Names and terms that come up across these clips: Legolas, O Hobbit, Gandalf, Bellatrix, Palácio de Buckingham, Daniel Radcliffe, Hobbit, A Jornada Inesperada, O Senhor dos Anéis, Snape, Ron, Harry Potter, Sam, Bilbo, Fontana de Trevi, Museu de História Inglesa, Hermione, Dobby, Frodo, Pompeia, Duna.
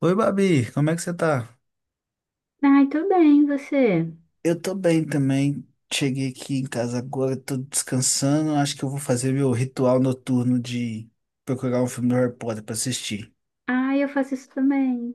Oi, Babi, como é que você tá? Ai, tô bem, você? Eu tô bem também. Cheguei aqui em casa agora, tô descansando. Acho que eu vou fazer meu ritual noturno de procurar um filme do Harry Potter pra assistir. Ai, eu faço isso também.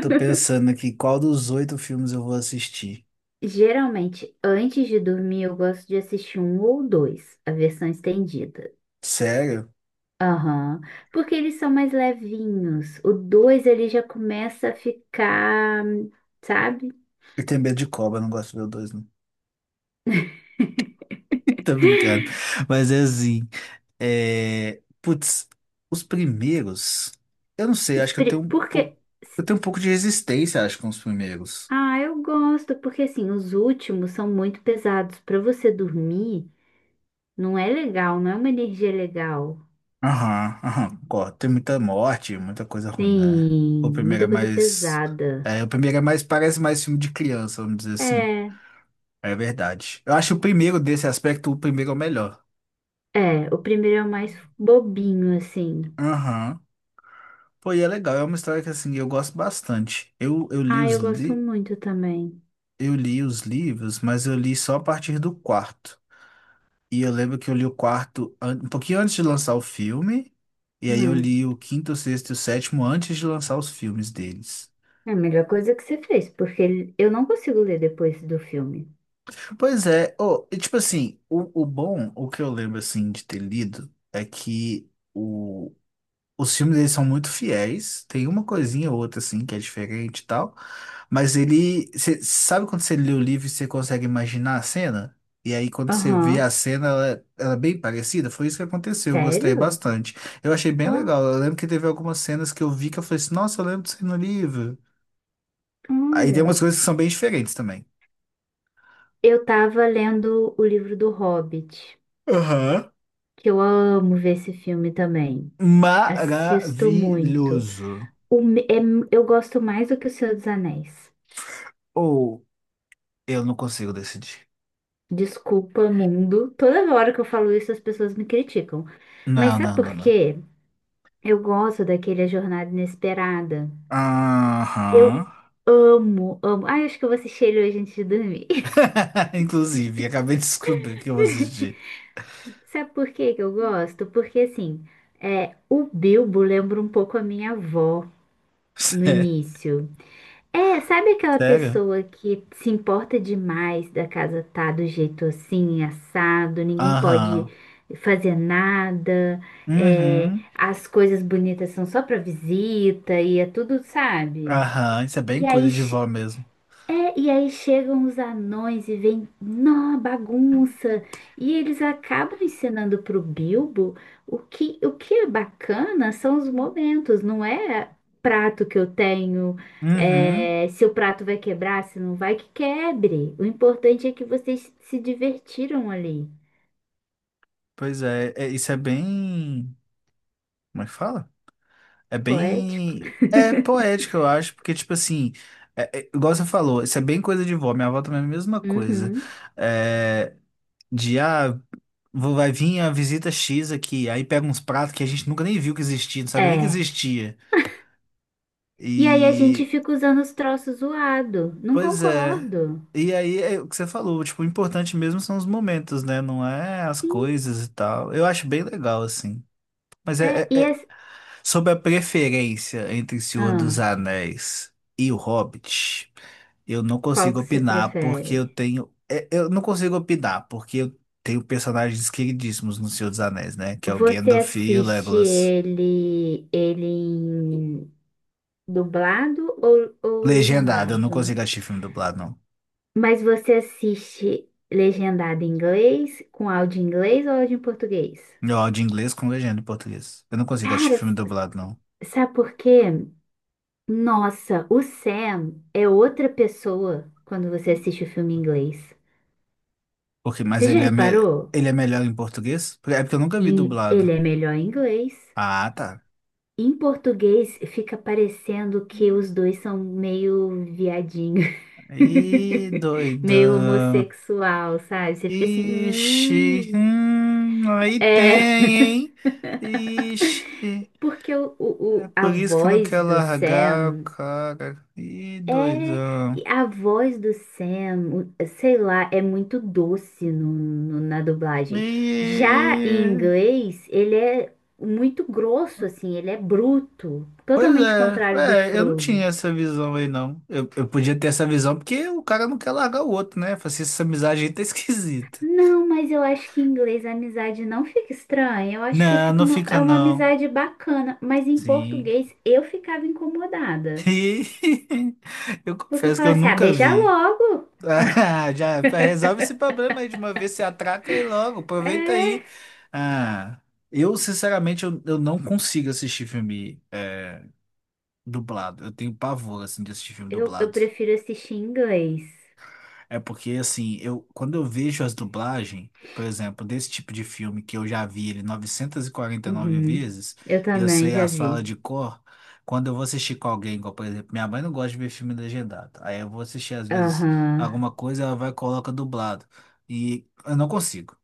Tô pensando aqui qual dos oito filmes eu vou assistir. Geralmente, antes de dormir, eu gosto de assistir um ou dois, a versão estendida. Sério? Aham. Porque eles são mais levinhos. O dois, ele já começa a ficar, sabe? Eu tenho medo de cobra, não gosto de ver o dois, não. Tô brincando. Mas é assim. Putz, os primeiros. Eu não sei, Os acho que eu pri- tenho um Porque. pouco. Eu tenho um pouco de resistência, acho, com os primeiros. Ah, eu gosto, porque assim, os últimos são muito pesados. Pra você dormir, não é legal, não é uma energia legal. Aham, aham, concordo. Tem muita morte, muita coisa ruim, né? O Sim, primeiro é muita coisa mais. pesada. É, o primeiro é mais. Parece mais filme de criança, vamos dizer assim. É. É verdade. Eu acho o primeiro desse aspecto, o primeiro é o melhor. É, o primeiro é o mais bobinho, assim. Aham. Pô, e é legal, é uma história que assim, eu gosto bastante. Eu, eu li Ah, os eu gosto li... muito também. eu li os livros, mas eu li só a partir do quarto. E eu lembro que eu li o quarto um pouquinho antes de lançar o filme, e aí eu Hum, li o quinto, o sexto e o sétimo antes de lançar os filmes deles. é a melhor coisa que você fez, porque eu não consigo ler depois do filme. Pois é, oh, e tipo assim, o bom, o que eu lembro assim de ter lido é que os filmes eles são muito fiéis, tem uma coisinha ou outra assim que é diferente e tal, mas cê, sabe quando você lê o livro e você consegue imaginar a cena? E aí quando você vê a Aham. cena, ela é bem parecida, foi isso que aconteceu, eu gostei Sério? bastante. Eu achei bem Ó, legal, eu lembro que teve algumas cenas que eu vi que eu falei assim, nossa, eu lembro disso aí no livro. Aí tem umas olha. coisas que são bem diferentes também. Eu tava lendo o livro do Hobbit, Aham. que eu amo ver esse filme também. Assisto muito. Maravilhoso. O me- é- eu gosto mais do que O Senhor dos Anéis. Ou eu não consigo decidir. Desculpa, mundo. Toda hora que eu falo isso, as pessoas me criticam. Mas Não, sabe não, não, por não. quê? Eu gosto daquele A Jornada Inesperada. Aham. Eu amo. Ai, acho que eu vou assistir ele hoje antes de dormir. Inclusive, acabei de descobrir que eu vou assistir. Sabe por que que eu gosto? Porque assim, o Bilbo lembra um pouco a minha avó no Sé- início. É, sabe aquela Sério? pessoa que se importa demais da casa tá do jeito assim, assado, ninguém pode Aham. fazer nada, Uhum. as coisas bonitas são só pra visita e é tudo, sabe? Aham. Isso é bem E coisa aí de vó mesmo. É, e aí chegam os anões e vem, nó, bagunça. E eles acabam ensinando pro Bilbo o que é bacana são os momentos, não é prato que eu tenho, Uhum. é, se o prato vai quebrar, se não vai, que quebre. O importante é que vocês se divertiram ali. Pois é, isso é bem. Como é que fala? É Poético. bem. É poético, eu acho, porque, tipo assim, igual você falou, isso é bem coisa de vó. Minha avó também é a mesma coisa. Uhum. É, De ah, vai vir a visita X aqui, aí pega uns pratos que a gente nunca nem viu que existia, não sabia nem que É. existia. E aí a gente E fica usando os troços zoado. Não pois é. concordo. E aí é o que você falou, tipo, o importante mesmo são os momentos, né? Não é as Sim. coisas e tal. Eu acho bem legal, assim. Mas É, é, é- e é, as... Sobre a preferência entre O Senhor dos ah. Anéis e O Hobbit, eu não Qual consigo que você opinar porque eu prefere? tenho. Eu não consigo opinar porque eu tenho personagens queridíssimos no Senhor dos Anéis, né? Que é o Você Gandalf e o assiste Legolas. ele em dublado ou Legendado, eu não legendado? consigo assistir filme dublado, não. Mas você assiste legendado em inglês, com áudio em inglês ou áudio em português? Eu áudio em inglês com legenda em português. Eu não consigo assistir Cara, filme s- dublado, não. sabe por quê? Nossa, o Sam é outra pessoa quando você assiste o filme em inglês. Porque, mas Você já reparou? ele é melhor em português? É porque eu nunca vi Ele dublado. é melhor em inglês. Ah, tá. Em português fica parecendo que os dois são meio viadinho, Ih, meio doidão. homossexual, sabe? Você fica assim, Ixi, aí é, tem, hein? Ixi, porque é a por isso que eu não voz quero do largar o Sam cara. Ih, é e doidão. a voz do Sam, sei lá, é muito doce na dublagem. Já em E, inglês, ele é muito grosso, assim, ele é bruto, pois totalmente é, contrário do eu não Frodo. tinha essa visão aí, não. Eu podia ter essa visão porque o cara não quer largar o outro, né? Falei assim, essa amizade aí tá esquisita. Não, mas eu acho que em inglês a amizade não fica estranha. Eu acho que Não, fica não fica é uma não. amizade bacana. Mas em Sim. português eu ficava incomodada. Ih, eu Porque eu confesso que eu falava assim, ah, nunca beija vi. logo. Ah, já resolve esse problema aí de uma vez, se atraca aí logo, aproveita É, aí. Ah, eu, sinceramente, eu não consigo assistir filme dublado. Eu tenho pavor, assim, de assistir filme eu dublado. prefiro assistir em inglês. É porque, assim, eu, quando eu vejo as dublagens, por exemplo, desse tipo de filme que eu já vi ele 949 Uhum. vezes, Eu e eu também sei já as falas vi. de cor, quando eu vou assistir com alguém, igual, por exemplo, minha mãe não gosta de ver filme legendado. Aí eu vou assistir, às vezes, Aham. alguma coisa, ela vai e coloca dublado. E eu não consigo.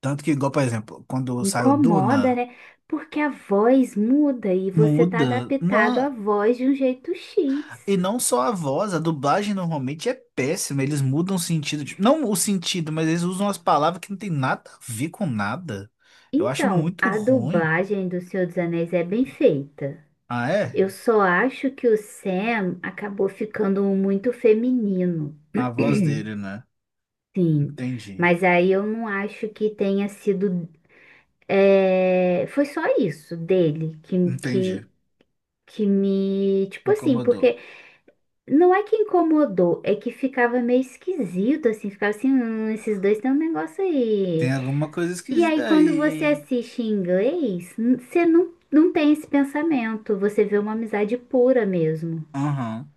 Tanto que, igual, por exemplo, quando saiu Incomoda, Duna, né? Porque a voz muda e você tá muda. adaptado Não. à voz de um jeito E X. não só a voz, a dublagem normalmente é péssima. Eles mudam o sentido. Tipo, não o sentido, mas eles usam as palavras que não tem nada a ver com nada. Eu acho Então, muito a ruim. dublagem do Senhor dos Anéis é bem feita. Ah, é? Eu só acho que o Sam acabou ficando muito feminino. A voz dele, né? Sim, Entendi. mas aí eu não acho que tenha sido. Foi só isso dele que, Entendi. que, que me. Tipo assim, Incomodou. porque não é que incomodou, é que ficava meio esquisito, assim, ficava assim, esses dois têm um negócio aí. Tem alguma coisa E aí esquisita quando você aí. assiste em inglês, você não, não tem esse pensamento, você vê uma amizade pura mesmo. Aham.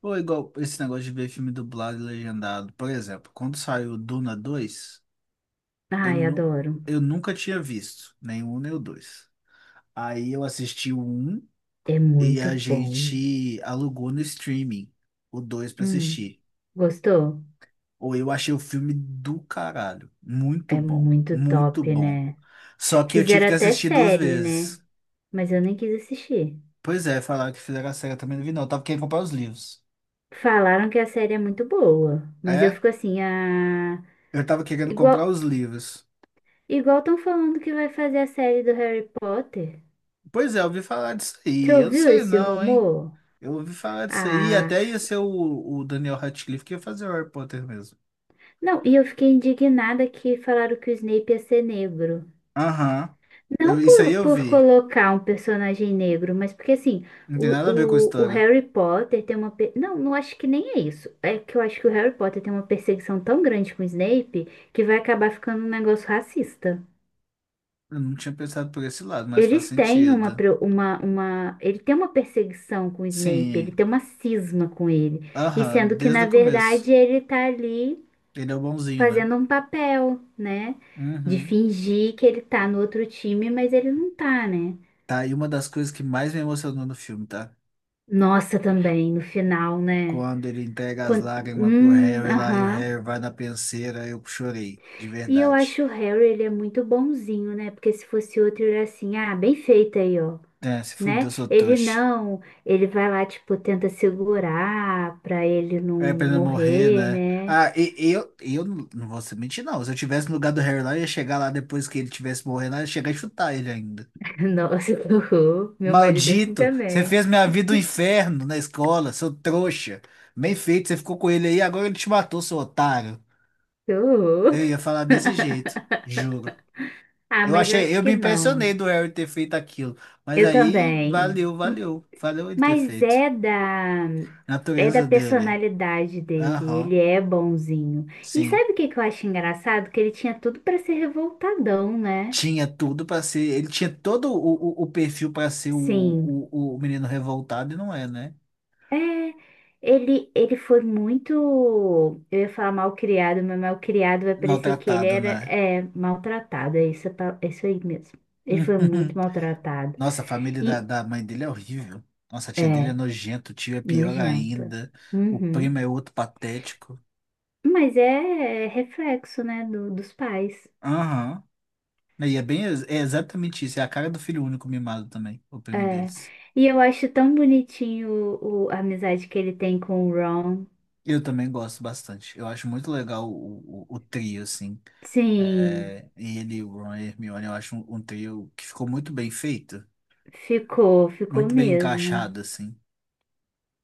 Ou igual esse negócio de ver filme dublado e legendado. Por exemplo, quando saiu Duna 2 eu, Ai, nu adoro. eu nunca tinha visto nem o um nem o dois. Aí eu assisti o um. É E muito a bom. gente alugou no streaming o dois pra Hum, assistir. gostou? Ou eu achei o filme do caralho. Muito É bom. muito Muito top, bom. né? Só que eu tive Fizeram que até assistir duas série, né? vezes. Mas eu nem quis assistir. Pois é, falaram que fizeram a série, eu também não vi não. Eu tava querendo comprar os livros. Falaram que a série é muito boa, mas eu É? fico assim, ah, Eu tava querendo comprar igual os livros. igual estão falando que vai fazer a série do Harry Potter. Pois é, eu ouvi falar disso Você aí. Eu não ouviu sei esse não, hein? rumor? Eu ouvi falar disso aí. Ah, Até ia ser o, Daniel Radcliffe que ia fazer o Harry Potter mesmo. não, e eu fiquei indignada que falaram que o Snape ia ser negro. Aham. Não Isso aí por, eu por vi. colocar um personagem negro, mas porque assim, Não tem nada a ver com a o história. Harry Potter tem uma. Não, não acho que nem é isso. É que eu acho que o Harry Potter tem uma perseguição tão grande com o Snape que vai acabar ficando um negócio racista. Eu não tinha pensado por esse lado, mas faz Eles têm uma, sentido. pre- uma, uma. Ele tem uma perseguição com o Snape, ele Sim. tem uma cisma com ele. E Aham, sendo que, desde na o começo. verdade, ele tá ali Ele é o bonzinho, né? fazendo um papel, né? De Uhum. fingir que ele tá no outro time, mas ele não tá, né? Tá, e uma das coisas que mais me emocionou no filme, tá? Nossa, também, no final, né? Quando ele entrega as Quando... lágrimas pro Harry lá e o aham. Harry vai na penseira, eu chorei, de E eu verdade. acho o Harry, ele é muito bonzinho, né? Porque se fosse outro, ele era assim, ah, bem feito aí, ó, É, se fudeu, né? sou Ele trouxa. não, ele vai lá, tipo, tenta segurar pra ele não É pra ele não morrer, morrer, né? né? Ah, e eu não vou mentir, não. Se eu tivesse no lugar do Harry lá, eu ia chegar lá depois que ele tivesse morrendo, lá, eu ia chegar e chutar ele ainda. Nossa, que horror. Meu marido é assim Maldito, você também. fez minha vida um inferno na escola, seu trouxa. Bem feito, você ficou com ele aí, agora ele te matou, seu otário. Que horror. Eu ia falar desse jeito, juro. Ah, Eu mas eu achei, acho eu me que não. impressionei do Harry ter feito aquilo, mas Eu aí também. valeu, valeu, valeu ele ter Mas feito. É da Natureza dele. personalidade dele, ele Aham, é bonzinho. E sim. sabe o que que eu acho engraçado? Que ele tinha tudo para ser revoltadão, né? Tinha tudo pra ser, ele tinha todo o, o perfil pra ser o, Sim. o menino revoltado e não é, né? É, ele foi muito, eu ia falar mal criado, mas mal criado vai parecer que ele Maltratado, era né? é maltratado, é isso, é isso aí mesmo. Ele foi muito maltratado. Nossa, a família da, E da mãe dele é horrível. Nossa, a tia dele é é nojenta, o tio é pior nojenta. ainda. O primo Uhum. é outro patético. Mas é, é reflexo, né, dos pais. Aham. E é bem, é exatamente isso. É a cara do filho único mimado também, o primo É. deles. E eu acho tão bonitinho a amizade que ele tem com o Ron. Eu também gosto bastante. Eu acho muito legal o, o trio, assim. Sim, É, ele, o Ron e a Hermione, eu acho um trio que ficou muito bem feito. Ficou Muito bem mesmo. encaixado, assim.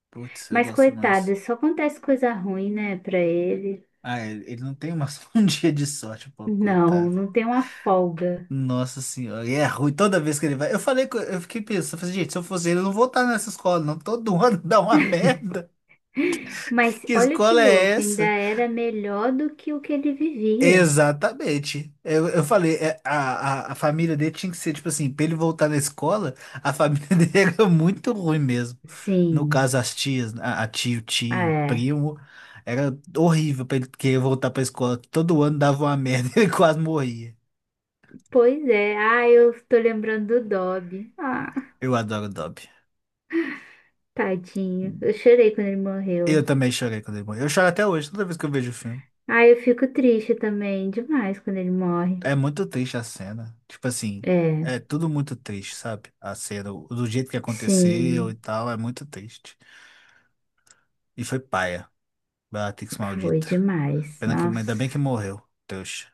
Putz, eu Mas gosto demais. coitado, só acontece coisa ruim, né, pra ele. Ah, ele não tem um dia de sorte, pô, Não, coitado. não tem uma folga. Nossa senhora, e é ruim toda vez que ele vai. Eu falei, eu fiquei pensando, falei, gente, se eu fosse ele, eu não voltar nessa escola, não. Todo ano dá uma merda. Mas Que olha que escola é louco, ainda essa? era melhor do que o que ele vivia. Exatamente. Eu falei, a família dele tinha que ser, tipo assim, pra ele voltar na escola, a família dele era muito ruim mesmo. No Sim, caso, as tias, tio, é. primo, era horrível pra ele querer voltar pra escola. Todo ano dava uma merda, ele quase morria. Pois é. Ah, eu tô lembrando do Dobby. Ah, Eu adoro o Dobby. tadinho. Eu chorei quando ele morreu. Eu também chorei quando ele morreu. Eu choro até hoje, toda vez que eu vejo o filme. Ah, eu fico triste também, demais quando ele morre. É muito triste a cena. Tipo assim, É, é tudo muito triste, sabe? A cena, do jeito que aconteceu e sim, tal, é muito triste. E foi paia. Bellatrix foi maldita. demais. Pena que, ainda bem Nossa. que morreu. Deus.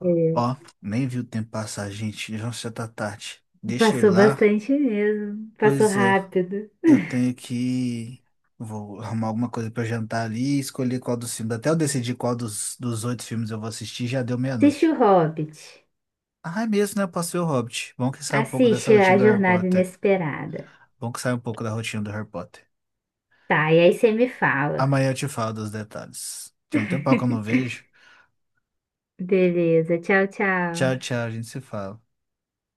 É, Ó, nem vi o tempo passar, gente. Já já tá tarde. Deixa eu ir passou lá. bastante mesmo. Passou Pois é, rápido. eu tenho que. Vou arrumar alguma coisa pra eu jantar ali e escolher qual dos filmes. Até eu decidir qual dos oito filmes eu vou assistir, já deu Assiste meia-noite. o Hobbit. Ah, é mesmo, né? Eu posso ver o Hobbit. Bom que sai um pouco dessa Assiste A rotina do Harry Jornada Potter. Inesperada. Bom que sai um pouco da rotina do Harry Potter. Tá, e aí você me fala. Amanhã eu te falo dos detalhes. Tem um tempão que eu não vejo. Beleza, tchau, tchau. Tchau, tchau, a gente se fala.